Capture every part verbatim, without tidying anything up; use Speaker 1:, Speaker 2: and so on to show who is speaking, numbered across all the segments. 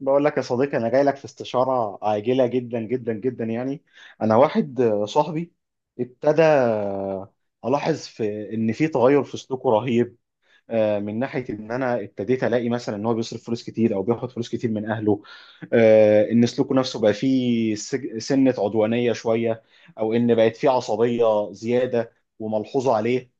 Speaker 1: بقول لك يا صديقي، انا جاي لك في استشاره عاجله جدا جدا جدا، يعني انا واحد صاحبي ابتدى الاحظ في ان في تغير في سلوكه رهيب. آه، من ناحيه ان انا ابتديت الاقي مثلا ان هو بيصرف فلوس كتير، او بياخد فلوس كتير من اهله. آه، ان سلوكه نفسه بقى فيه سج- سنه عدوانيه شويه، او ان بقت فيه عصبيه زياده وملحوظه عليه.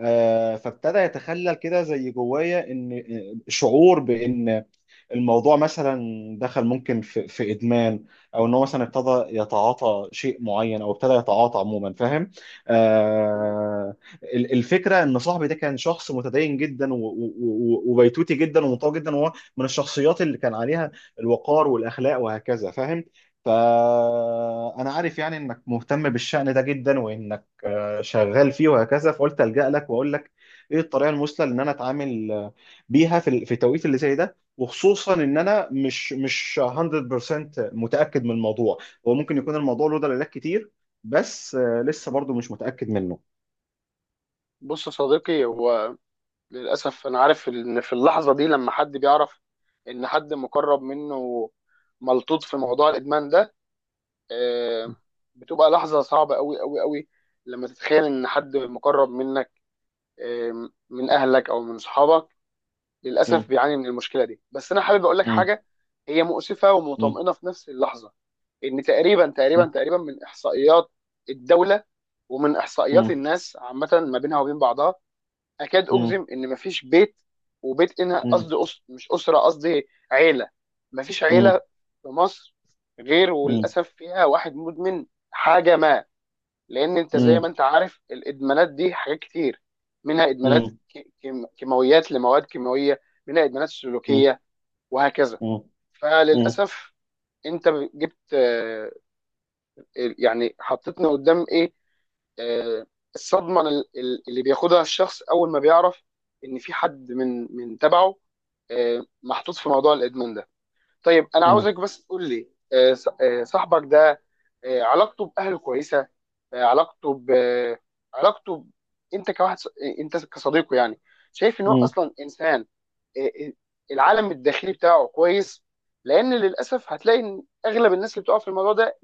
Speaker 1: آه، فابتدى يتخلل كده زي جوايا ان آه، شعور بان الموضوع مثلا دخل ممكن في, في ادمان، او ان هو مثلا ابتدى يتعاطى شيء معين، او ابتدى يتعاطى عموما فاهم. آه ال- الفكره ان صاحبي ده كان شخص متدين جدا، و- و- و- وبيتوتي جدا، ومنطوي جدا، وهو من الشخصيات اللي كان عليها الوقار والاخلاق وهكذا فاهم. فأنا عارف يعني إنك مهتم بالشأن ده جدا، وإنك آه، شغال فيه وهكذا، فقلت ألجأ لك وأقول لك إيه الطريقة المثلى إن أنا أتعامل آه، بيها في ال- في التوقيت اللي زي ده، وخصوصا ان انا مش مش مائة في المائة متاكد من الموضوع. هو ممكن يكون الموضوع له دلالات كتير، بس آه، لسه برضو مش متاكد منه.
Speaker 2: بص يا صديقي، هو للأسف أنا عارف إن في اللحظة دي لما حد بيعرف إن حد مقرب منه ملطوط في موضوع الإدمان ده، آه، بتبقى لحظة صعبة أوي أوي أوي لما تتخيل إن حد مقرب منك، آه، من أهلك أو من صحابك
Speaker 1: م-.
Speaker 2: للأسف بيعاني من المشكلة دي. بس أنا حابب أقول لك
Speaker 1: م-.
Speaker 2: حاجة هي مؤسفة
Speaker 1: م-.
Speaker 2: ومطمئنة في نفس اللحظة. إن تقريبا تقريبا
Speaker 1: م-.
Speaker 2: تقريبا من إحصائيات الدولة ومن إحصائيات
Speaker 1: م-.
Speaker 2: الناس عامة ما بينها وبين بعضها، اكاد
Speaker 1: م-.
Speaker 2: اجزم ان مفيش بيت وبيت. هنا
Speaker 1: م-.
Speaker 2: قصدي أس... مش اسره، قصدي عيله. مفيش عيله
Speaker 1: م-.
Speaker 2: في مصر غير
Speaker 1: م-. م-.
Speaker 2: وللاسف فيها واحد مدمن حاجه ما. لان انت
Speaker 1: م-.
Speaker 2: زي ما
Speaker 1: م-.
Speaker 2: انت عارف الادمانات دي حاجات كتير. منها ادمانات ك- كيم- كيماويات لمواد كيماويه، منها ادمانات سلوكيه وهكذا.
Speaker 1: م-. م-.
Speaker 2: فللاسف انت جبت، آه، يعني حطيتنا قدام ايه. آه، الصدمه ال- ال- اللي بياخدها الشخص اول ما بيعرف ان في حد من من تبعه آه، محطوط في موضوع الادمان ده. طيب انا
Speaker 1: م-.
Speaker 2: عاوزك بس تقول لي، آه، ص- آه، صاحبك ده، آه، علاقته باهله كويسه؟ آه، علاقته ب علاقته ب... انت كواحد ص- انت كصديقه يعني شايف ان هو
Speaker 1: م-.
Speaker 2: اصلا انسان، آه، آه، العالم الداخلي بتاعه كويس؟ لان للاسف هتلاقي ان اغلب الناس اللي بتقع في الموضوع ده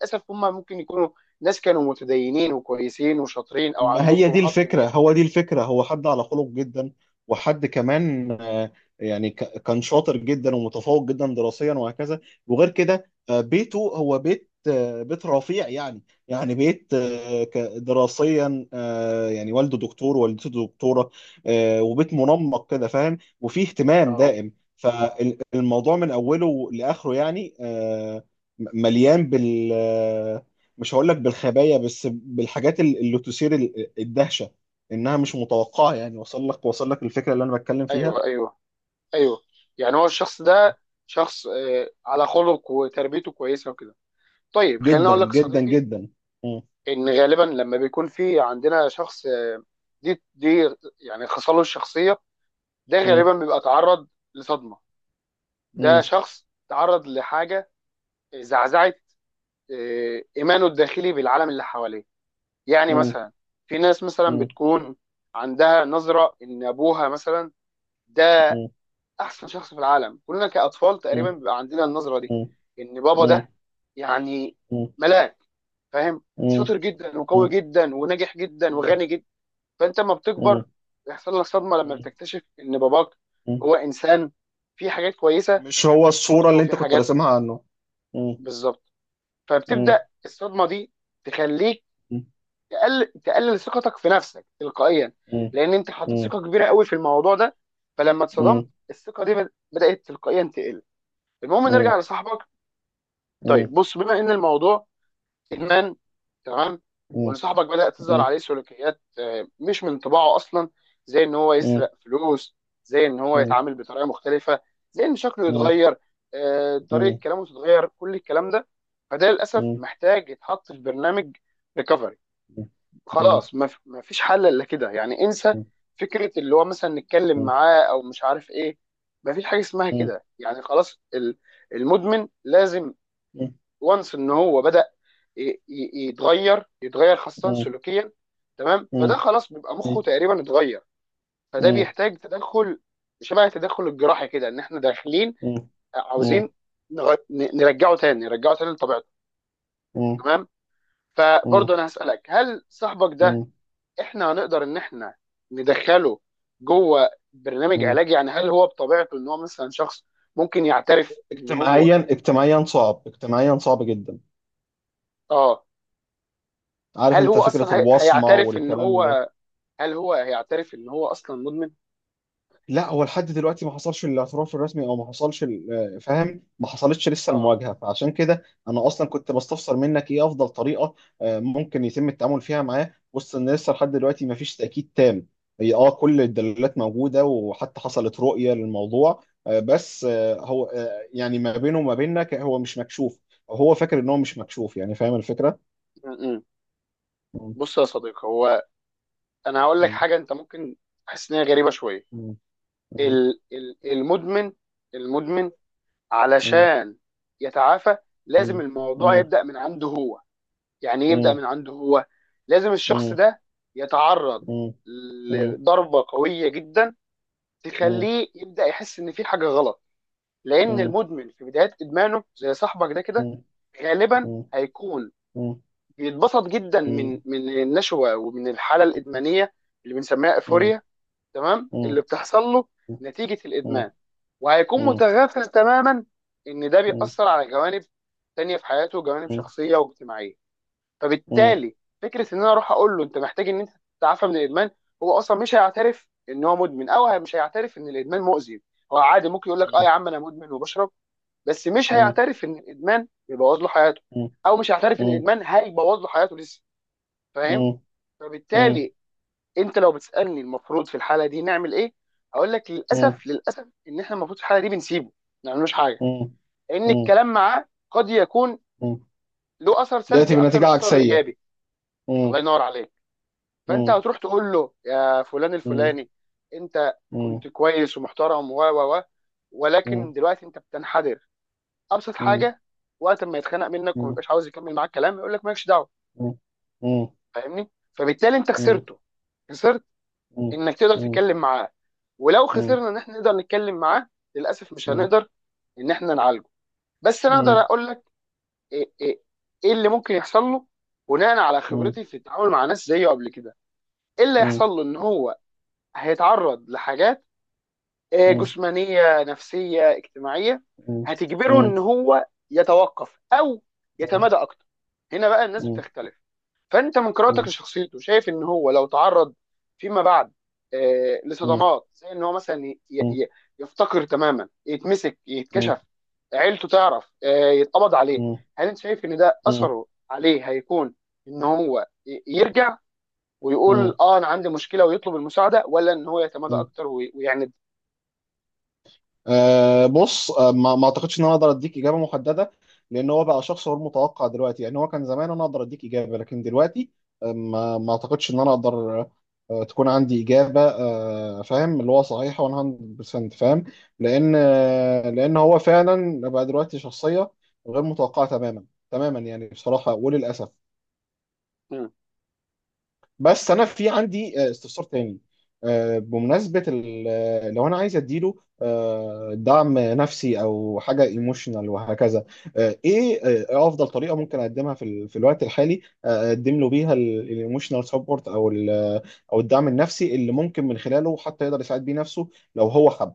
Speaker 2: للاسف هم ممكن يكونوا ناس كانوا متدينين وكويسين وشاطرين او
Speaker 1: ما
Speaker 2: عندهم
Speaker 1: هي دي
Speaker 2: طموحات
Speaker 1: الفكرة،
Speaker 2: كبيره.
Speaker 1: هو دي الفكرة، هو حد على خلق جدا. وحد كمان، آه، يعني ك- كان شاطر جدا، ومتفوق جدا دراسيا وهكذا. وغير كده، آه، بيته هو بيت آه، بيت رفيع يعني. يعني بيت، آه، ك- دراسيا، آه، يعني والده دكتور، والدته دكتورة. آه، وبيت منمق كده فاهم، وفيه اهتمام
Speaker 2: اه،
Speaker 1: دائم. فالموضوع من أوله لآخره يعني، آه، م- مليان بال آه، مش هقول لك بالخبايا، بس بالحاجات ال- اللي تثير ال- الدهشه، انها مش متوقعه، يعني وصل لك وصل لك الفكره اللي انا بتكلم فيها.
Speaker 2: ايوه، ايوه، ايوه. يعني هو الشخص ده شخص آه، على خلق وتربيته كويسه وكده. طيب خليني
Speaker 1: جدا
Speaker 2: اقول لك يا
Speaker 1: جدا
Speaker 2: صديقي،
Speaker 1: جدا. م-.
Speaker 2: ان غالبا لما بيكون في عندنا شخص آه، دي دي يعني خصاله الشخصيه، ده
Speaker 1: م-.
Speaker 2: غالبا بيبقى تعرض لصدمه. ده
Speaker 1: م-.
Speaker 2: شخص تعرض لحاجه زعزعت آه، ايمانه الداخلي بالعالم اللي حواليه. يعني
Speaker 1: م-.
Speaker 2: مثلا في ناس مثلا
Speaker 1: م-.
Speaker 2: بتكون عندها نظره ان ابوها مثلا ده
Speaker 1: م-.
Speaker 2: احسن شخص في العالم. كلنا كاطفال تقريبا
Speaker 1: م-.
Speaker 2: بيبقى عندنا النظره دي،
Speaker 1: م-.
Speaker 2: ان بابا
Speaker 1: م-.
Speaker 2: ده يعني
Speaker 1: م-. م-.
Speaker 2: ملاك، فاهم، شاطر جدا وقوي
Speaker 1: م-.
Speaker 2: جدا وناجح جدا وغني جدا. فانت لما
Speaker 1: م-. م-.
Speaker 2: بتكبر بيحصل لك صدمه لما بتكتشف ان باباك
Speaker 1: م-.
Speaker 2: هو انسان فيه حاجات كويسه
Speaker 1: مش هو الصوره
Speaker 2: برضه
Speaker 1: اللي
Speaker 2: وفيه
Speaker 1: انت كنت
Speaker 2: حاجات.
Speaker 1: راسمها عنه. م-.
Speaker 2: بالظبط. فبتبدا
Speaker 1: م-.
Speaker 2: الصدمه دي تخليك
Speaker 1: م-.
Speaker 2: تقل... تقلل ثقتك في نفسك تلقائيا،
Speaker 1: م-.
Speaker 2: لان انت
Speaker 1: م-.
Speaker 2: حطيت
Speaker 1: م-.
Speaker 2: ثقه كبيره قوي في الموضوع ده، فلما اتصدمت
Speaker 1: م-.
Speaker 2: الثقه دي بد- بدات تلقائيا تقل. المهم
Speaker 1: م-.
Speaker 2: نرجع
Speaker 1: م-.
Speaker 2: لصاحبك.
Speaker 1: م-.
Speaker 2: طيب بص، بما ان الموضوع ادمان، تمام، وان صاحبك بدأ تظهر
Speaker 1: م-.
Speaker 2: عليه سلوكيات آه، مش من طباعه اصلا، زي ان هو
Speaker 1: م-.
Speaker 2: يسرق فلوس، زي ان هو يتعامل بطريقه مختلفه، زي ان شكله يتغير، آه، طريقه كلامه تتغير، كل الكلام ده، فده للاسف
Speaker 1: م-.
Speaker 2: محتاج يتحط في برنامج ريكفري.
Speaker 1: م-. م-.
Speaker 2: خلاص، ما ف- ما فيش حل الا كده، يعني انسى فكره اللي هو مثلا نتكلم معاه او مش عارف ايه. ما فيش حاجه اسمها كده يعني خلاص. ال- المدمن لازم. وانس ان هو بدأ ي- ي- يتغير يتغير خاصه سلوكيا. تمام. فده خلاص بيبقى مخه تقريبا اتغير، فده بيحتاج تدخل شبه التدخل الجراحي كده، ان احنا داخلين عاوزين نغ- ن- نرجعه تاني نرجعه تاني لطبيعته. تمام. فبرضه انا هسألك، هل صاحبك ده احنا هنقدر ان احنا ندخله جوه برنامج علاجي؟ يعني هل هو بطبيعته ان هو مثلا شخص ممكن يعترف ان هو...
Speaker 1: اجتماعيا اجتماعيا صعب، اجتماعيا صعب جدا.
Speaker 2: اه.
Speaker 1: عارف
Speaker 2: هل
Speaker 1: انت
Speaker 2: هو
Speaker 1: فكرة
Speaker 2: اصلا هي-
Speaker 1: الوصمة
Speaker 2: هيعترف ان
Speaker 1: والكلام ده.
Speaker 2: هو، هل هو هيعترف ان هو اصلا مدمن؟
Speaker 1: لا، هو لحد دلوقتي ما حصلش الاعتراف الرسمي، او ما حصلش ال- فاهم ما حصلتش لسه
Speaker 2: اه.
Speaker 1: المواجهه، فعشان كده انا اصلا كنت بستفسر منك ايه افضل طريقه آه، ممكن يتم التعامل فيها معاه، وسط ان لسه لحد دلوقتي ما فيش تاكيد تام. هي اه كل الدلالات موجوده، وحتى حصلت رؤيه للموضوع، آه، بس آه، هو، آه، يعني ما بينه وما بيننا ك- هو مش مكشوف، أو هو فاكر ان هو مش مكشوف، يعني فاهم الفكره؟
Speaker 2: م-م.
Speaker 1: مم.
Speaker 2: بص يا صديقي، هو انا هقول لك
Speaker 1: مم.
Speaker 2: حاجه انت ممكن تحس ان هي غريبه شويه.
Speaker 1: مم.
Speaker 2: ال ال المدمن المدمن
Speaker 1: مم.
Speaker 2: علشان يتعافى لازم
Speaker 1: مم.
Speaker 2: الموضوع
Speaker 1: مم.
Speaker 2: يبدا من عنده هو. يعني إيه يبدا
Speaker 1: مم.
Speaker 2: من عنده هو؟ لازم الشخص
Speaker 1: مم.
Speaker 2: ده يتعرض
Speaker 1: مم.
Speaker 2: لضربه قويه جدا
Speaker 1: مم.
Speaker 2: تخليه يبدا يحس ان في حاجه غلط. لان
Speaker 1: مم.
Speaker 2: المدمن في بدايه ادمانه زي صاحبك ده كده،
Speaker 1: مم.
Speaker 2: غالبا
Speaker 1: مم.
Speaker 2: هيكون
Speaker 1: مم.
Speaker 2: بيتبسط جدا من
Speaker 1: مم.
Speaker 2: من النشوه ومن الحاله الادمانيه اللي بنسميها
Speaker 1: مم.
Speaker 2: ايفوريا، تمام،
Speaker 1: مم.
Speaker 2: اللي بتحصل له نتيجه
Speaker 1: مم.
Speaker 2: الادمان. وهيكون
Speaker 1: مم.
Speaker 2: متغافل تماما ان ده
Speaker 1: مم.
Speaker 2: بيأثر على جوانب تانية في حياته، جوانب
Speaker 1: مم.
Speaker 2: شخصيه واجتماعيه.
Speaker 1: مم.
Speaker 2: فبالتالي فكره ان انا اروح اقول له انت محتاج ان انت تتعافى من الادمان، هو اصلا مش هيعترف ان هو مدمن، او مش هيعترف ان الادمان مؤذي. هو عادي ممكن يقول لك اه يا عم انا مدمن وبشرب، بس مش
Speaker 1: مم.
Speaker 2: هيعترف ان الادمان بيبوظ له حياته، او مش هيعترف ان
Speaker 1: مم.
Speaker 2: الادمان هيبوظ له حياته لسه.
Speaker 1: مم.
Speaker 2: فاهم؟
Speaker 1: مم.
Speaker 2: فبالتالي انت لو بتسالني المفروض في الحاله دي نعمل ايه، هقول لك
Speaker 1: مم.
Speaker 2: للاسف للاسف ان احنا المفروض في الحاله دي بنسيبه، ما نعملوش حاجه.
Speaker 1: مم.
Speaker 2: لان
Speaker 1: مم.
Speaker 2: الكلام معاه قد يكون
Speaker 1: مم.
Speaker 2: له اثر سلبي
Speaker 1: يأتي
Speaker 2: اكتر
Speaker 1: بنتيجة
Speaker 2: من اثره
Speaker 1: عكسية.
Speaker 2: الايجابي.
Speaker 1: مم.
Speaker 2: الله ينور عليك. فانت
Speaker 1: مم.
Speaker 2: هتروح تقول له يا فلان
Speaker 1: مم.
Speaker 2: الفلاني، انت
Speaker 1: مم.
Speaker 2: كنت كويس ومحترم و و و ولكن
Speaker 1: مم.
Speaker 2: دلوقتي انت بتنحدر. ابسط
Speaker 1: مم.
Speaker 2: حاجه، وقت ما يتخانق منك وما
Speaker 1: مم.
Speaker 2: يبقاش عاوز يكمل معاك كلام يقول لك مالكش دعوه.
Speaker 1: مم. مم.
Speaker 2: فاهمني؟ فبالتالي انت
Speaker 1: مم.
Speaker 2: خسرته، خسرت
Speaker 1: مم.
Speaker 2: انك تقدر تتكلم معاه، ولو
Speaker 1: مم.
Speaker 2: خسرنا ان احنا نقدر نتكلم معاه، للاسف مش
Speaker 1: مم.
Speaker 2: هنقدر ان احنا نعالجه. بس انا
Speaker 1: مم.
Speaker 2: اقدر
Speaker 1: مم.
Speaker 2: اقول لك ايه إيه- إيه اللي ممكن يحصل له بناء على
Speaker 1: مم.
Speaker 2: خبرتي في التعامل مع ناس زيه قبل كده. ايه اللي
Speaker 1: مم.
Speaker 2: هيحصل له؟ ان هو هيتعرض لحاجات آه،
Speaker 1: مم.
Speaker 2: جسمانيه نفسيه اجتماعيه
Speaker 1: مم.
Speaker 2: هتجبره ان هو يتوقف او يتمادى اكتر. هنا بقى الناس
Speaker 1: مم. مم.
Speaker 2: بتختلف. فانت من قراءتك لشخصيته شايف ان هو لو تعرض فيما بعد آه، لصدمات، زي ان هو مثلا ي-
Speaker 1: مم.
Speaker 2: ي- يفتقر تماما، يتمسك،
Speaker 1: مم.
Speaker 2: يتكشف، عيلته تعرف، آه، يتقبض عليه،
Speaker 1: مم.
Speaker 2: هل انت شايف ان ده
Speaker 1: مم.
Speaker 2: اثره عليه هيكون ان هو ي- يرجع
Speaker 1: مم.
Speaker 2: ويقول اه انا عندي مشكله ويطلب المساعده، ولا ان هو يتمادى
Speaker 1: مم.
Speaker 2: اكتر وي- ويعند؟
Speaker 1: أه بص، أه ما ما اعتقدش ان انا اقدر اديك اجابه محدده، لان هو بقى شخص غير متوقع دلوقتي، يعني هو كان زمان انا اقدر اديك اجابه، لكن دلوقتي أه ما ما اعتقدش ان انا اقدر أه تكون عندي اجابه، أه فاهم اللي هو صحيحه مية بالمية فاهم. لان أه لان هو فعلا بقى دلوقتي شخصيه غير متوقعه تماما. تماما، يعني بصراحه وللاسف. بس انا في عندي، آه، استفسار تاني. آه، بمناسبه ال- آه، لو انا عايز اديله آه، دعم نفسي، او حاجه ايموشنال وهكذا، آه، ايه آه، ايه افضل طريقه ممكن اقدمها في ال- في الوقت الحالي، آه، اقدم له بيها الايموشنال سبورت، او ال- آه، او الدعم النفسي اللي ممكن من خلاله حتى يقدر يساعد بيه نفسه، لو هو حب.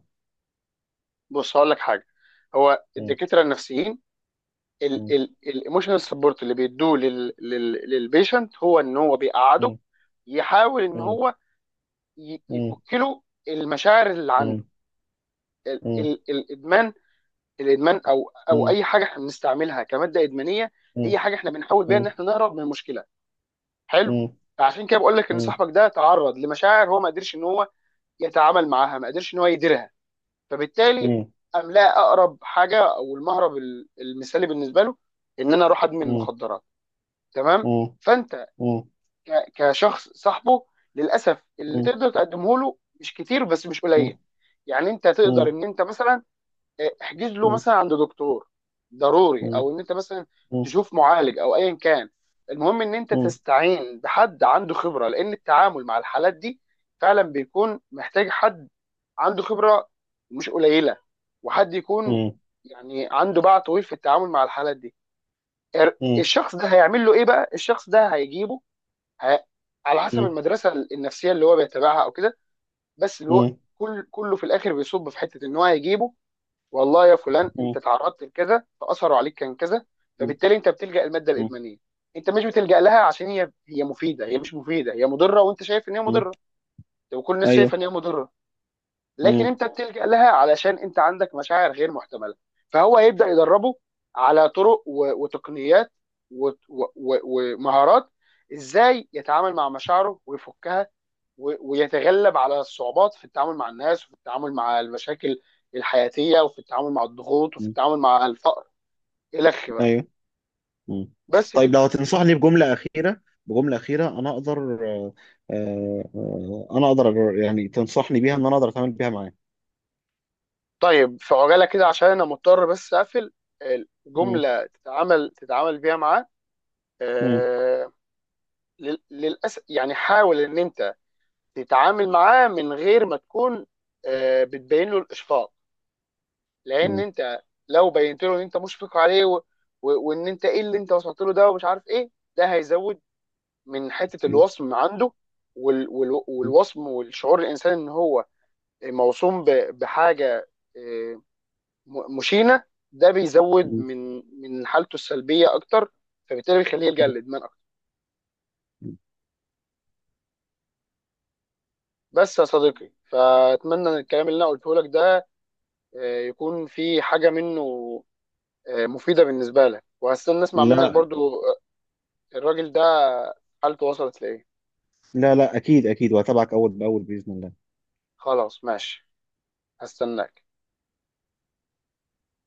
Speaker 2: بص هقول لك حاجه. هو
Speaker 1: مم،
Speaker 2: الدكاتره النفسيين
Speaker 1: مم،
Speaker 2: الايموشنال سبورت اللي بيدوه لل- لل- للبيشنت هو ان هو بيقعده
Speaker 1: مم،
Speaker 2: يحاول ان
Speaker 1: مم،
Speaker 2: هو ي-
Speaker 1: مم،
Speaker 2: يفك له المشاعر اللي
Speaker 1: مم،
Speaker 2: عنده. ال-
Speaker 1: مم،
Speaker 2: ال- الادمان الادمان او او
Speaker 1: مم،
Speaker 2: اي حاجه احنا بنستعملها كماده ادمانيه،
Speaker 1: مم،
Speaker 2: هي حاجه احنا بنحاول بيها ان
Speaker 1: مم،
Speaker 2: احنا نهرب من المشكله. حلو.
Speaker 1: مم،
Speaker 2: عشان كده بقول لك ان
Speaker 1: مم،
Speaker 2: صاحبك ده تعرض لمشاعر هو ما قدرش ان هو يتعامل معاها، ما قدرش ان هو يديرها. فبالتالي املاء اقرب حاجه او المهرب ال- المثالي بالنسبه له ان انا اروح ادمن
Speaker 1: مم،
Speaker 2: مخدرات. تمام.
Speaker 1: مم،
Speaker 2: فانت
Speaker 1: مم،
Speaker 2: ك- كشخص صاحبه، للاسف اللي
Speaker 1: مم،
Speaker 2: تقدر تقدمه له مش كتير بس مش
Speaker 1: مم.
Speaker 2: قليل. يعني انت تقدر
Speaker 1: مم.
Speaker 2: ان انت مثلا احجز له
Speaker 1: مم.
Speaker 2: مثلا عند دكتور ضروري،
Speaker 1: مم.
Speaker 2: او ان انت مثلا
Speaker 1: مم.
Speaker 2: تشوف معالج او ايا كان. المهم ان انت
Speaker 1: مم.
Speaker 2: تستعين بحد عنده خبره، لان التعامل مع الحالات دي فعلا بيكون محتاج حد عنده خبره مش قليله، وحد يكون
Speaker 1: مم.
Speaker 2: يعني عنده باع طويل في التعامل مع الحالات دي. ار-
Speaker 1: مم.
Speaker 2: الشخص ده هيعمل له ايه بقى؟ الشخص ده هيجيبه... ه... على حسب
Speaker 1: مم.
Speaker 2: المدرسه النفسيه اللي هو بيتبعها او كده. بس اللي هو كل كله في الاخر بيصب في حته ان هو هيجيبه، والله يا فلان
Speaker 1: مم.
Speaker 2: انت تعرضت لكذا فاثروا عليك كان كذا،
Speaker 1: مم.
Speaker 2: فبالتالي انت بتلجأ الماده
Speaker 1: مم.
Speaker 2: الادمانيه. انت مش بتلجأ لها عشان هي هي مفيده، هي مش مفيده، هي مضره، وانت شايف ان هي
Speaker 1: مم.
Speaker 2: مضره، وكل الناس
Speaker 1: ايوه.
Speaker 2: شايفه ان هي مضره، لكن
Speaker 1: مم.
Speaker 2: انت بتلجأ لها علشان انت عندك مشاعر غير محتمله. فهو هيبدأ يدربه على طرق و- وتقنيات و- و- و- ومهارات ازاي يتعامل مع مشاعره ويفكها و- ويتغلب على الصعوبات، في التعامل مع الناس، وفي التعامل مع المشاكل الحياتية، وفي التعامل مع الضغوط، وفي
Speaker 1: مم.
Speaker 2: التعامل مع الفقر، إلخ بقى.
Speaker 1: ايوه. مم.
Speaker 2: بس
Speaker 1: طيب،
Speaker 2: كده.
Speaker 1: لو هتنصحني بجمله اخيره بجمله اخيره انا اقدر آه، آه، آه، انا اقدر أجر- يعني تنصحني بيها ان انا اقدر اتعامل بيها معاه.
Speaker 2: طيب في عجالة كده عشان أنا مضطر بس أقفل،
Speaker 1: مم.
Speaker 2: الجملة تتعامل تتعامل بيها معاه.
Speaker 1: مم.
Speaker 2: آه للأسف يعني، حاول إن أنت تتعامل معاه من غير ما تكون آه بتبين له الإشفاق. لأن
Speaker 1: مم.
Speaker 2: أنت لو بينت له إن أنت مشفق عليه و- و- وإن أنت إيه اللي أنت وصلت له ده ومش عارف إيه، ده هيزود من حته
Speaker 1: مم.
Speaker 2: الوصم عنده. وال- وال- والوصم والشعور الانسان ان هو موصوم ب- بحاجه آه، م- مشينه، ده بيزود
Speaker 1: مم.
Speaker 2: من من حالته السلبيه اكتر، فبالتالي بيخليه يلجا للادمان اكتر.
Speaker 1: مم.
Speaker 2: بس يا صديقي، فاتمنى ان الكلام اللي انا قلته لك ده آه، يكون في حاجه منه آه، مفيده بالنسبه لك، وهستنى اسمع منك
Speaker 1: لا،
Speaker 2: برضو آه، الراجل ده حالته وصلت لايه.
Speaker 1: لا، لا، اكيد اكيد، وهتابعك اول باول باذن الله.
Speaker 2: خلاص ماشي. هستناك.